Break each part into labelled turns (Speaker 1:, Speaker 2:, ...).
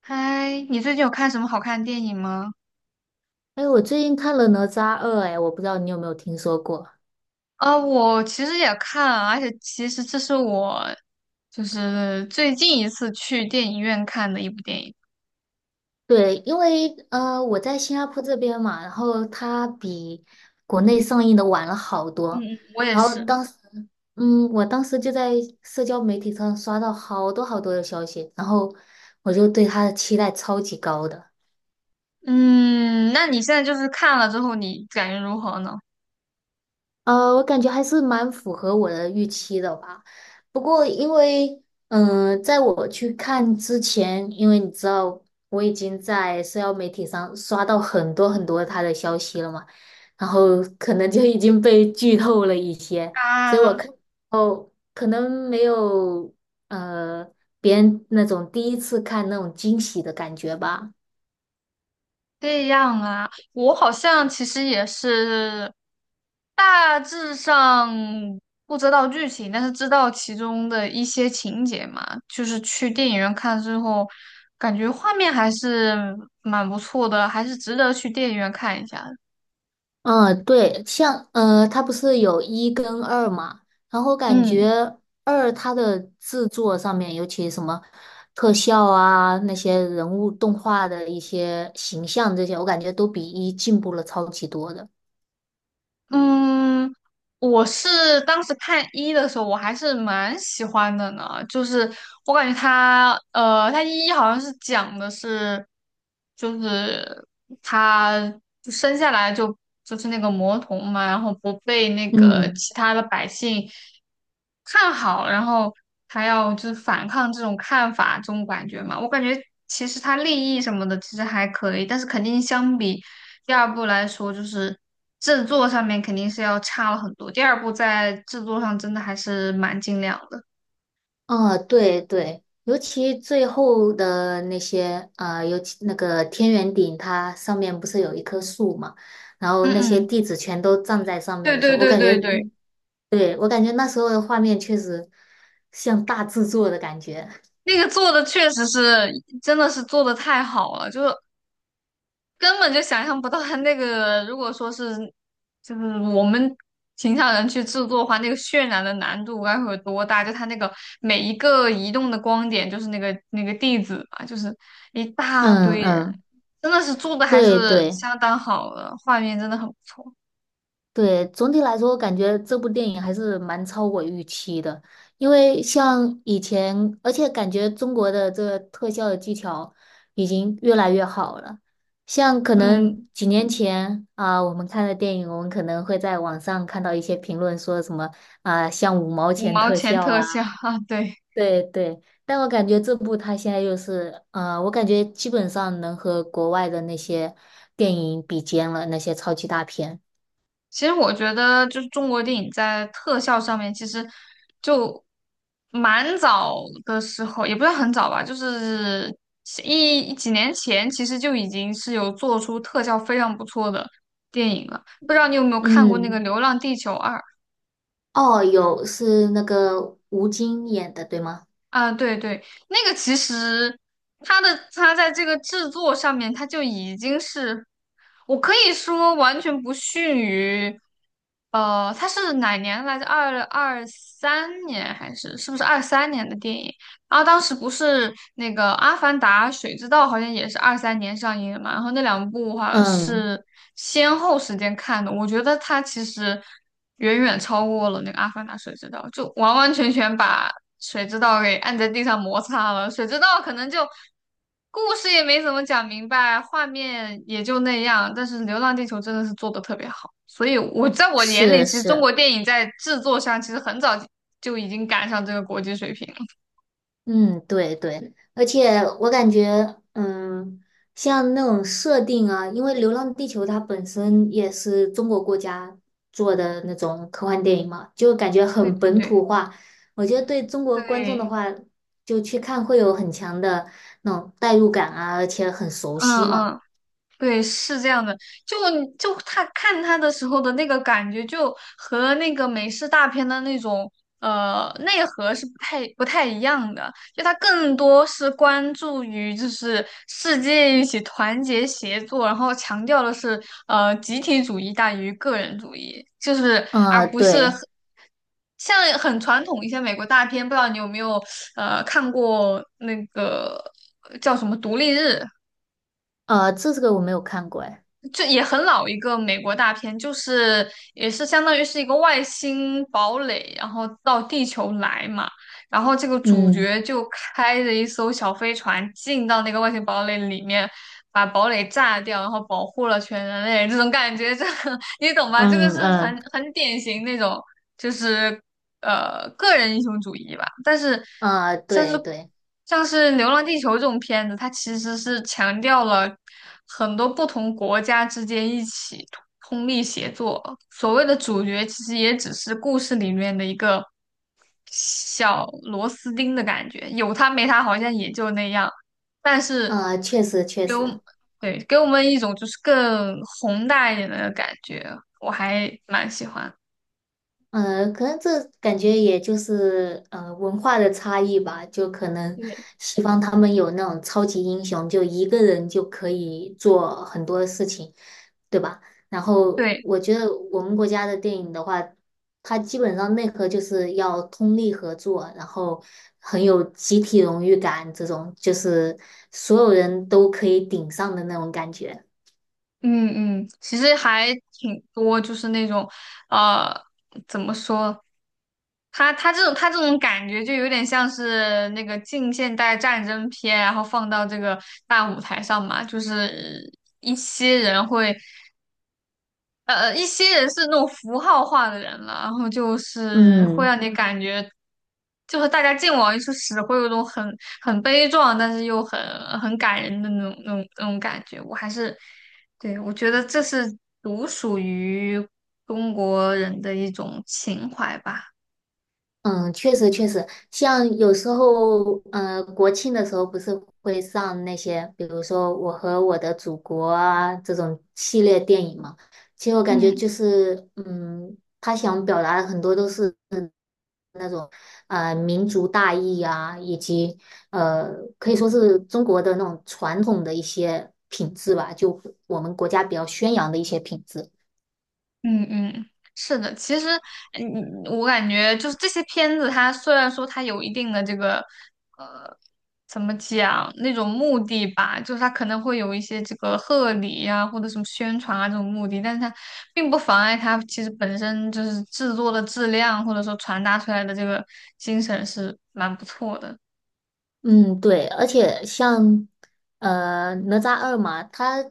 Speaker 1: 嗨，你最近有看什么好看的电影吗？
Speaker 2: 哎，我最近看了《哪吒二》，哎，我不知道你有没有听说过？
Speaker 1: 啊，我其实也看啊而且其实这是我就是最近一次去电影院看的一部电影。
Speaker 2: 对，因为我在新加坡这边嘛，然后它比国内上映的晚了好多。
Speaker 1: 嗯嗯，我也
Speaker 2: 然后
Speaker 1: 是。
Speaker 2: 当时，我当时就在社交媒体上刷到好多的消息，然后我就对它的期待超级高的。
Speaker 1: 嗯，那你现在就是看了之后，你感觉如何呢？
Speaker 2: 我感觉还是蛮符合我的预期的吧。不过，因为在我去看之前，因为你知道我已经在社交媒体上刷到很多他的消息了嘛，然后可能就已经被剧透了一些，所以我
Speaker 1: 啊。
Speaker 2: 看哦，可能没有呃别人那种第一次看那种惊喜的感觉吧。
Speaker 1: 这样啊，我好像其实也是大致上不知道剧情，但是知道其中的一些情节嘛。就是去电影院看之后，感觉画面还是蛮不错的，还是值得去电影院看一下的
Speaker 2: 嗯，对，像它不是有一跟二嘛，然后感
Speaker 1: 嗯。
Speaker 2: 觉二它的制作上面，尤其什么特效啊，那些人物动画的一些形象这些，我感觉都比一进步了超级多的。
Speaker 1: 嗯，我是当时看一的时候，我还是蛮喜欢的呢。就是我感觉他，他一好像是讲的是，就是他就生下来就是那个魔童嘛，然后不被那个
Speaker 2: 嗯
Speaker 1: 其他的百姓看好，然后还要就是反抗这种看法，这种感觉嘛。我感觉其实它利益什么的其实还可以，但是肯定相比第二部来说，就是制作上面肯定是要差了很多。第二部在制作上真的还是蛮精良的。
Speaker 2: 啊，对对，尤其最后的那些，啊，尤其那个天元顶，它上面不是有一棵树嘛，然后
Speaker 1: 嗯
Speaker 2: 那些
Speaker 1: 嗯，
Speaker 2: 弟子全都站在上面
Speaker 1: 对
Speaker 2: 的时
Speaker 1: 对
Speaker 2: 候，我
Speaker 1: 对
Speaker 2: 感觉
Speaker 1: 对对，
Speaker 2: 对，我感觉那时候的画面确实像大制作的感觉。
Speaker 1: 那个做的确实是真的是做的太好了，就是根本就想象不到他那个，如果说是就是我们平常人去制作的话，那个渲染的难度该会有多大？就他那个每一个移动的光点，就是那个地址嘛，就是一大
Speaker 2: 嗯
Speaker 1: 堆人，
Speaker 2: 嗯，
Speaker 1: 真的是做的还
Speaker 2: 对
Speaker 1: 是
Speaker 2: 对
Speaker 1: 相当好的，画面真的很不错。
Speaker 2: 对，总体来说，我感觉这部电影还是蛮超我预期的，因为像以前，而且感觉中国的这个特效的技巧已经越来越好了。像可
Speaker 1: 嗯，
Speaker 2: 能几年前啊，我们看的电影，我们可能会在网上看到一些评论说什么啊，像五毛
Speaker 1: 五
Speaker 2: 钱
Speaker 1: 毛
Speaker 2: 特
Speaker 1: 钱
Speaker 2: 效
Speaker 1: 特效
Speaker 2: 啊。
Speaker 1: 啊，对。
Speaker 2: 对对，但我感觉这部它现在又是，我感觉基本上能和国外的那些电影比肩了，那些超级大片。
Speaker 1: 其实我觉得，就是中国电影在特效上面，其实就蛮早的时候，也不是很早吧，就是一几年前，其实就已经是有做出特效非常不错的电影了。不知道你有没有看过那个
Speaker 2: 嗯，
Speaker 1: 《流浪地球二》？
Speaker 2: 哦，有是那个吴京演的，对吗？
Speaker 1: 啊，对对，那个其实它在这个制作上面，它就已经是，我可以说完全不逊于，它是哪年来着？二二三年还是是不是二三年的电影？然后当时不是那个《阿凡达》《水之道》好像也是二三年上映的嘛，然后那两部好像
Speaker 2: 嗯，
Speaker 1: 是先后时间看的，我觉得它其实远远超过了那个《阿凡达》《水之道》，就完完全全把。谁知道给按在地上摩擦了，谁知道可能就故事也没怎么讲明白，画面也就那样。但是《流浪地球》真的是做的特别好，所以我在我眼里，
Speaker 2: 是
Speaker 1: 其实中
Speaker 2: 是。
Speaker 1: 国电影在制作上其实很早就已经赶上这个国际水平了。
Speaker 2: 嗯，对对，而且我感觉，嗯，像那种设定啊，因为《流浪地球》它本身也是中国国家做的那种科幻电影嘛，就感觉
Speaker 1: 对
Speaker 2: 很
Speaker 1: 对
Speaker 2: 本
Speaker 1: 对
Speaker 2: 土化。我觉得对中国观众的
Speaker 1: 对，
Speaker 2: 话，就去看会有很强的那种代入感啊，而且很熟
Speaker 1: 嗯
Speaker 2: 悉嘛。
Speaker 1: 嗯。对，是这样的，就就他看他的时候的那个感觉，就和那个美式大片的那种内核是不太一样的，就他更多是关注于就是世界一起团结协作，然后强调的是集体主义大于个人主义，就是而
Speaker 2: 嗯，
Speaker 1: 不是
Speaker 2: 对，
Speaker 1: 很像很传统一些美国大片，不知道你有没有看过那个叫什么《独立日》。
Speaker 2: 这个我没有看过，哎，
Speaker 1: 就也很老一个美国大片，就是也是相当于是一个外星堡垒，然后到地球来嘛，然后这个主
Speaker 2: 嗯
Speaker 1: 角就开着一艘小飞船进到那个外星堡垒里面，把堡垒炸掉，然后保护了全人类，这种感觉，这个 你懂吧？这个
Speaker 2: 嗯
Speaker 1: 是
Speaker 2: 嗯，
Speaker 1: 很典型那种。就是个人英雄主义吧。但是像是
Speaker 2: 对对，
Speaker 1: 像是《流浪地球》这种片子，它其实是强调了很多不同国家之间一起通力协作。所谓的主角其实也只是故事里面的一个小螺丝钉的感觉，有他没他好像也就那样。但是，
Speaker 2: 确实确
Speaker 1: 给我们
Speaker 2: 实。
Speaker 1: 对，给我们一种就是更宏大一点的感觉，我还蛮喜欢。
Speaker 2: 可能这感觉也就是文化的差异吧，就可能
Speaker 1: 对，
Speaker 2: 西方他们有那种超级英雄，就一个人就可以做很多事情，对吧？然后
Speaker 1: 对，
Speaker 2: 我觉得我们国家的电影的话，它基本上内核就是要通力合作，然后很有集体荣誉感，这种就是所有人都可以顶上的那种感觉。
Speaker 1: 嗯嗯，其实还挺多，就是那种，呃，怎么说？他这种感觉就有点像是那个近现代战争片，然后放到这个大舞台上嘛，就是一些人会。一些人是那种符号化的人了，然后就是会
Speaker 2: 嗯。
Speaker 1: 让你感觉，就是大家见往一处使，会有一种很悲壮，但是又很感人的那种感觉。我还是，对，我觉得这是独属于中国人的一种情怀吧。
Speaker 2: 嗯，确实确实，像有时候，嗯，国庆的时候不是会上那些，比如说《我和我的祖国》啊这种系列电影嘛。其实我感觉
Speaker 1: 嗯。
Speaker 2: 就是，嗯，他想表达的很多都是那种，民族大义啊，以及呃，可以说是中国的那种传统的一些品质吧，就我们国家比较宣扬的一些品质。
Speaker 1: 嗯嗯，是的，其实，我感觉就是这些片子，它虽然说它有一定的这个，呃，怎么讲那种目的吧，就是它可能会有一些这个贺礼呀、或者什么宣传啊这种目的，但是它并不妨碍它其实本身就是制作的质量，或者说传达出来的这个精神是蛮不错的。
Speaker 2: 嗯，对，而且像哪吒二嘛，它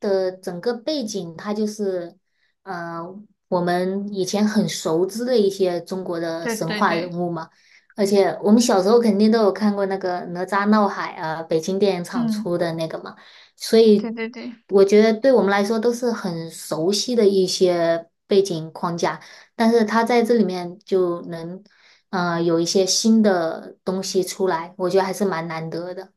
Speaker 2: 的整个背景，它就是呃我们以前很熟知的一些中国的
Speaker 1: 对
Speaker 2: 神
Speaker 1: 对
Speaker 2: 话人
Speaker 1: 对，
Speaker 2: 物嘛，而且我们小时候肯定都有看过那个哪吒闹海啊，北京电影厂
Speaker 1: 嗯，
Speaker 2: 出的那个嘛，所
Speaker 1: 对
Speaker 2: 以
Speaker 1: 对对。
Speaker 2: 我觉得对我们来说都是很熟悉的一些背景框架，但是他在这里面就能。有一些新的东西出来，我觉得还是蛮难得的。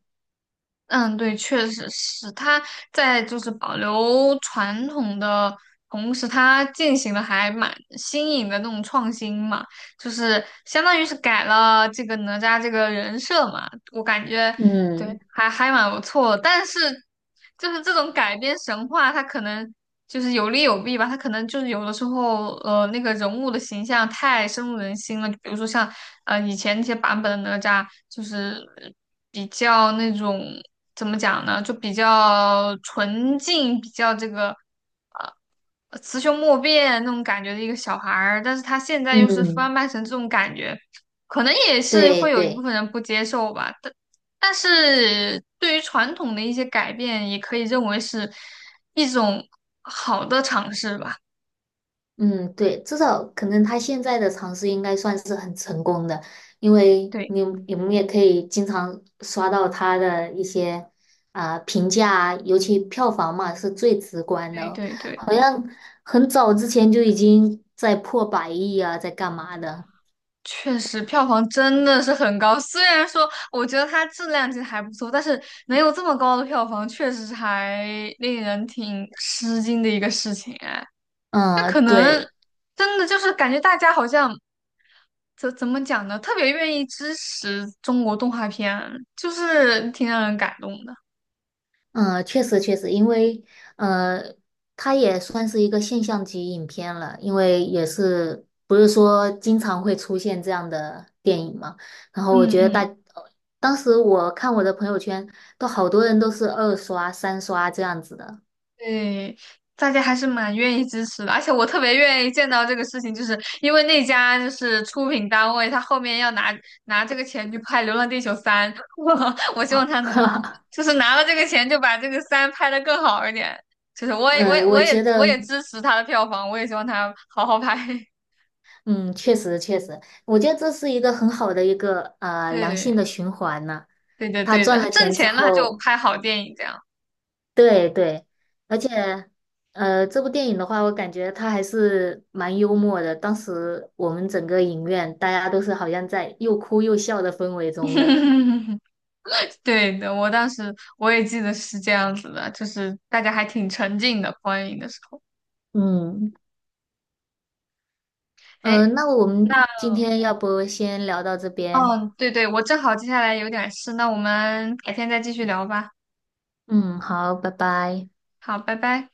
Speaker 1: 嗯，对，确实是他在就是保留传统的同时，他进行的还蛮新颖的那种创新嘛，就是相当于是改了这个哪吒这个人设嘛，我感觉对，
Speaker 2: 嗯
Speaker 1: 还蛮不错的，但是就是这种改编神话，它可能就是有利有弊吧。它可能就是有的时候，那个人物的形象太深入人心了。就比如说像以前那些版本的哪吒，就是比较那种怎么讲呢，就比较纯净，比较这个。雌雄莫辨那种感觉的一个小孩儿，但是他现在又是
Speaker 2: 嗯，
Speaker 1: 翻拍成这种感觉，可能也是
Speaker 2: 对
Speaker 1: 会有一部
Speaker 2: 对，
Speaker 1: 分人不接受吧。但是对于传统的一些改变，也可以认为是一种好的尝试吧。
Speaker 2: 嗯对，至少可能他现在的尝试应该算是很成功的，因为
Speaker 1: 对
Speaker 2: 你们也可以经常刷到他的一些啊、评价啊尤其票房嘛是最直观
Speaker 1: 对
Speaker 2: 的，
Speaker 1: 对对，
Speaker 2: 好像很早之前就已经在破百亿啊，在干嘛的？
Speaker 1: 确实票房真的是很高。虽然说我觉得它质量其实还不错，但是能有这么高的票房，确实是还令人挺吃惊的一个事情哎。那可
Speaker 2: 嗯，
Speaker 1: 能
Speaker 2: 对。
Speaker 1: 真的就是感觉大家好像怎么讲呢，特别愿意支持中国动画片，就是挺让人感动的。
Speaker 2: 嗯，确实确实，因为呃，它也算是一个现象级影片了，因为也是不是说经常会出现这样的电影嘛。然后我
Speaker 1: 嗯
Speaker 2: 觉得大，
Speaker 1: 嗯，
Speaker 2: 当时我看我的朋友圈，都好多人都是二刷、三刷这样子的
Speaker 1: 对，大家还是蛮愿意支持的，而且我特别愿意见到这个事情，就是因为那家就是出品单位，他后面要拿这个钱去拍《流浪地球三》，我希望
Speaker 2: 啊。
Speaker 1: 他能够就 是拿了这个钱就把这个三拍的更好一点。就是我也我
Speaker 2: 嗯，
Speaker 1: 也
Speaker 2: 我
Speaker 1: 我也
Speaker 2: 觉
Speaker 1: 我
Speaker 2: 得，
Speaker 1: 也支持他的票房，我也希望他好好拍。
Speaker 2: 嗯，确实确实，我觉得这是一个很好的一个良性的
Speaker 1: 对，
Speaker 2: 循环呢、
Speaker 1: 对的，
Speaker 2: 他
Speaker 1: 对的，
Speaker 2: 赚
Speaker 1: 他
Speaker 2: 了
Speaker 1: 挣
Speaker 2: 钱之
Speaker 1: 钱了，他就
Speaker 2: 后，
Speaker 1: 拍好电影这样。
Speaker 2: 对对，而且，这部电影的话，我感觉它还是蛮幽默的。当时我们整个影院大家都是好像在又哭又笑的氛围中的。
Speaker 1: 对的，我当时我也记得是这样子的，就是大家还挺沉浸的观影的时候。
Speaker 2: 嗯，
Speaker 1: 哎，
Speaker 2: 那我们
Speaker 1: 那
Speaker 2: 今天要不先聊到这边？
Speaker 1: 嗯，对对，我正好接下来有点事，那我们改天再继续聊吧。
Speaker 2: 嗯，好，拜拜。
Speaker 1: 好，拜拜。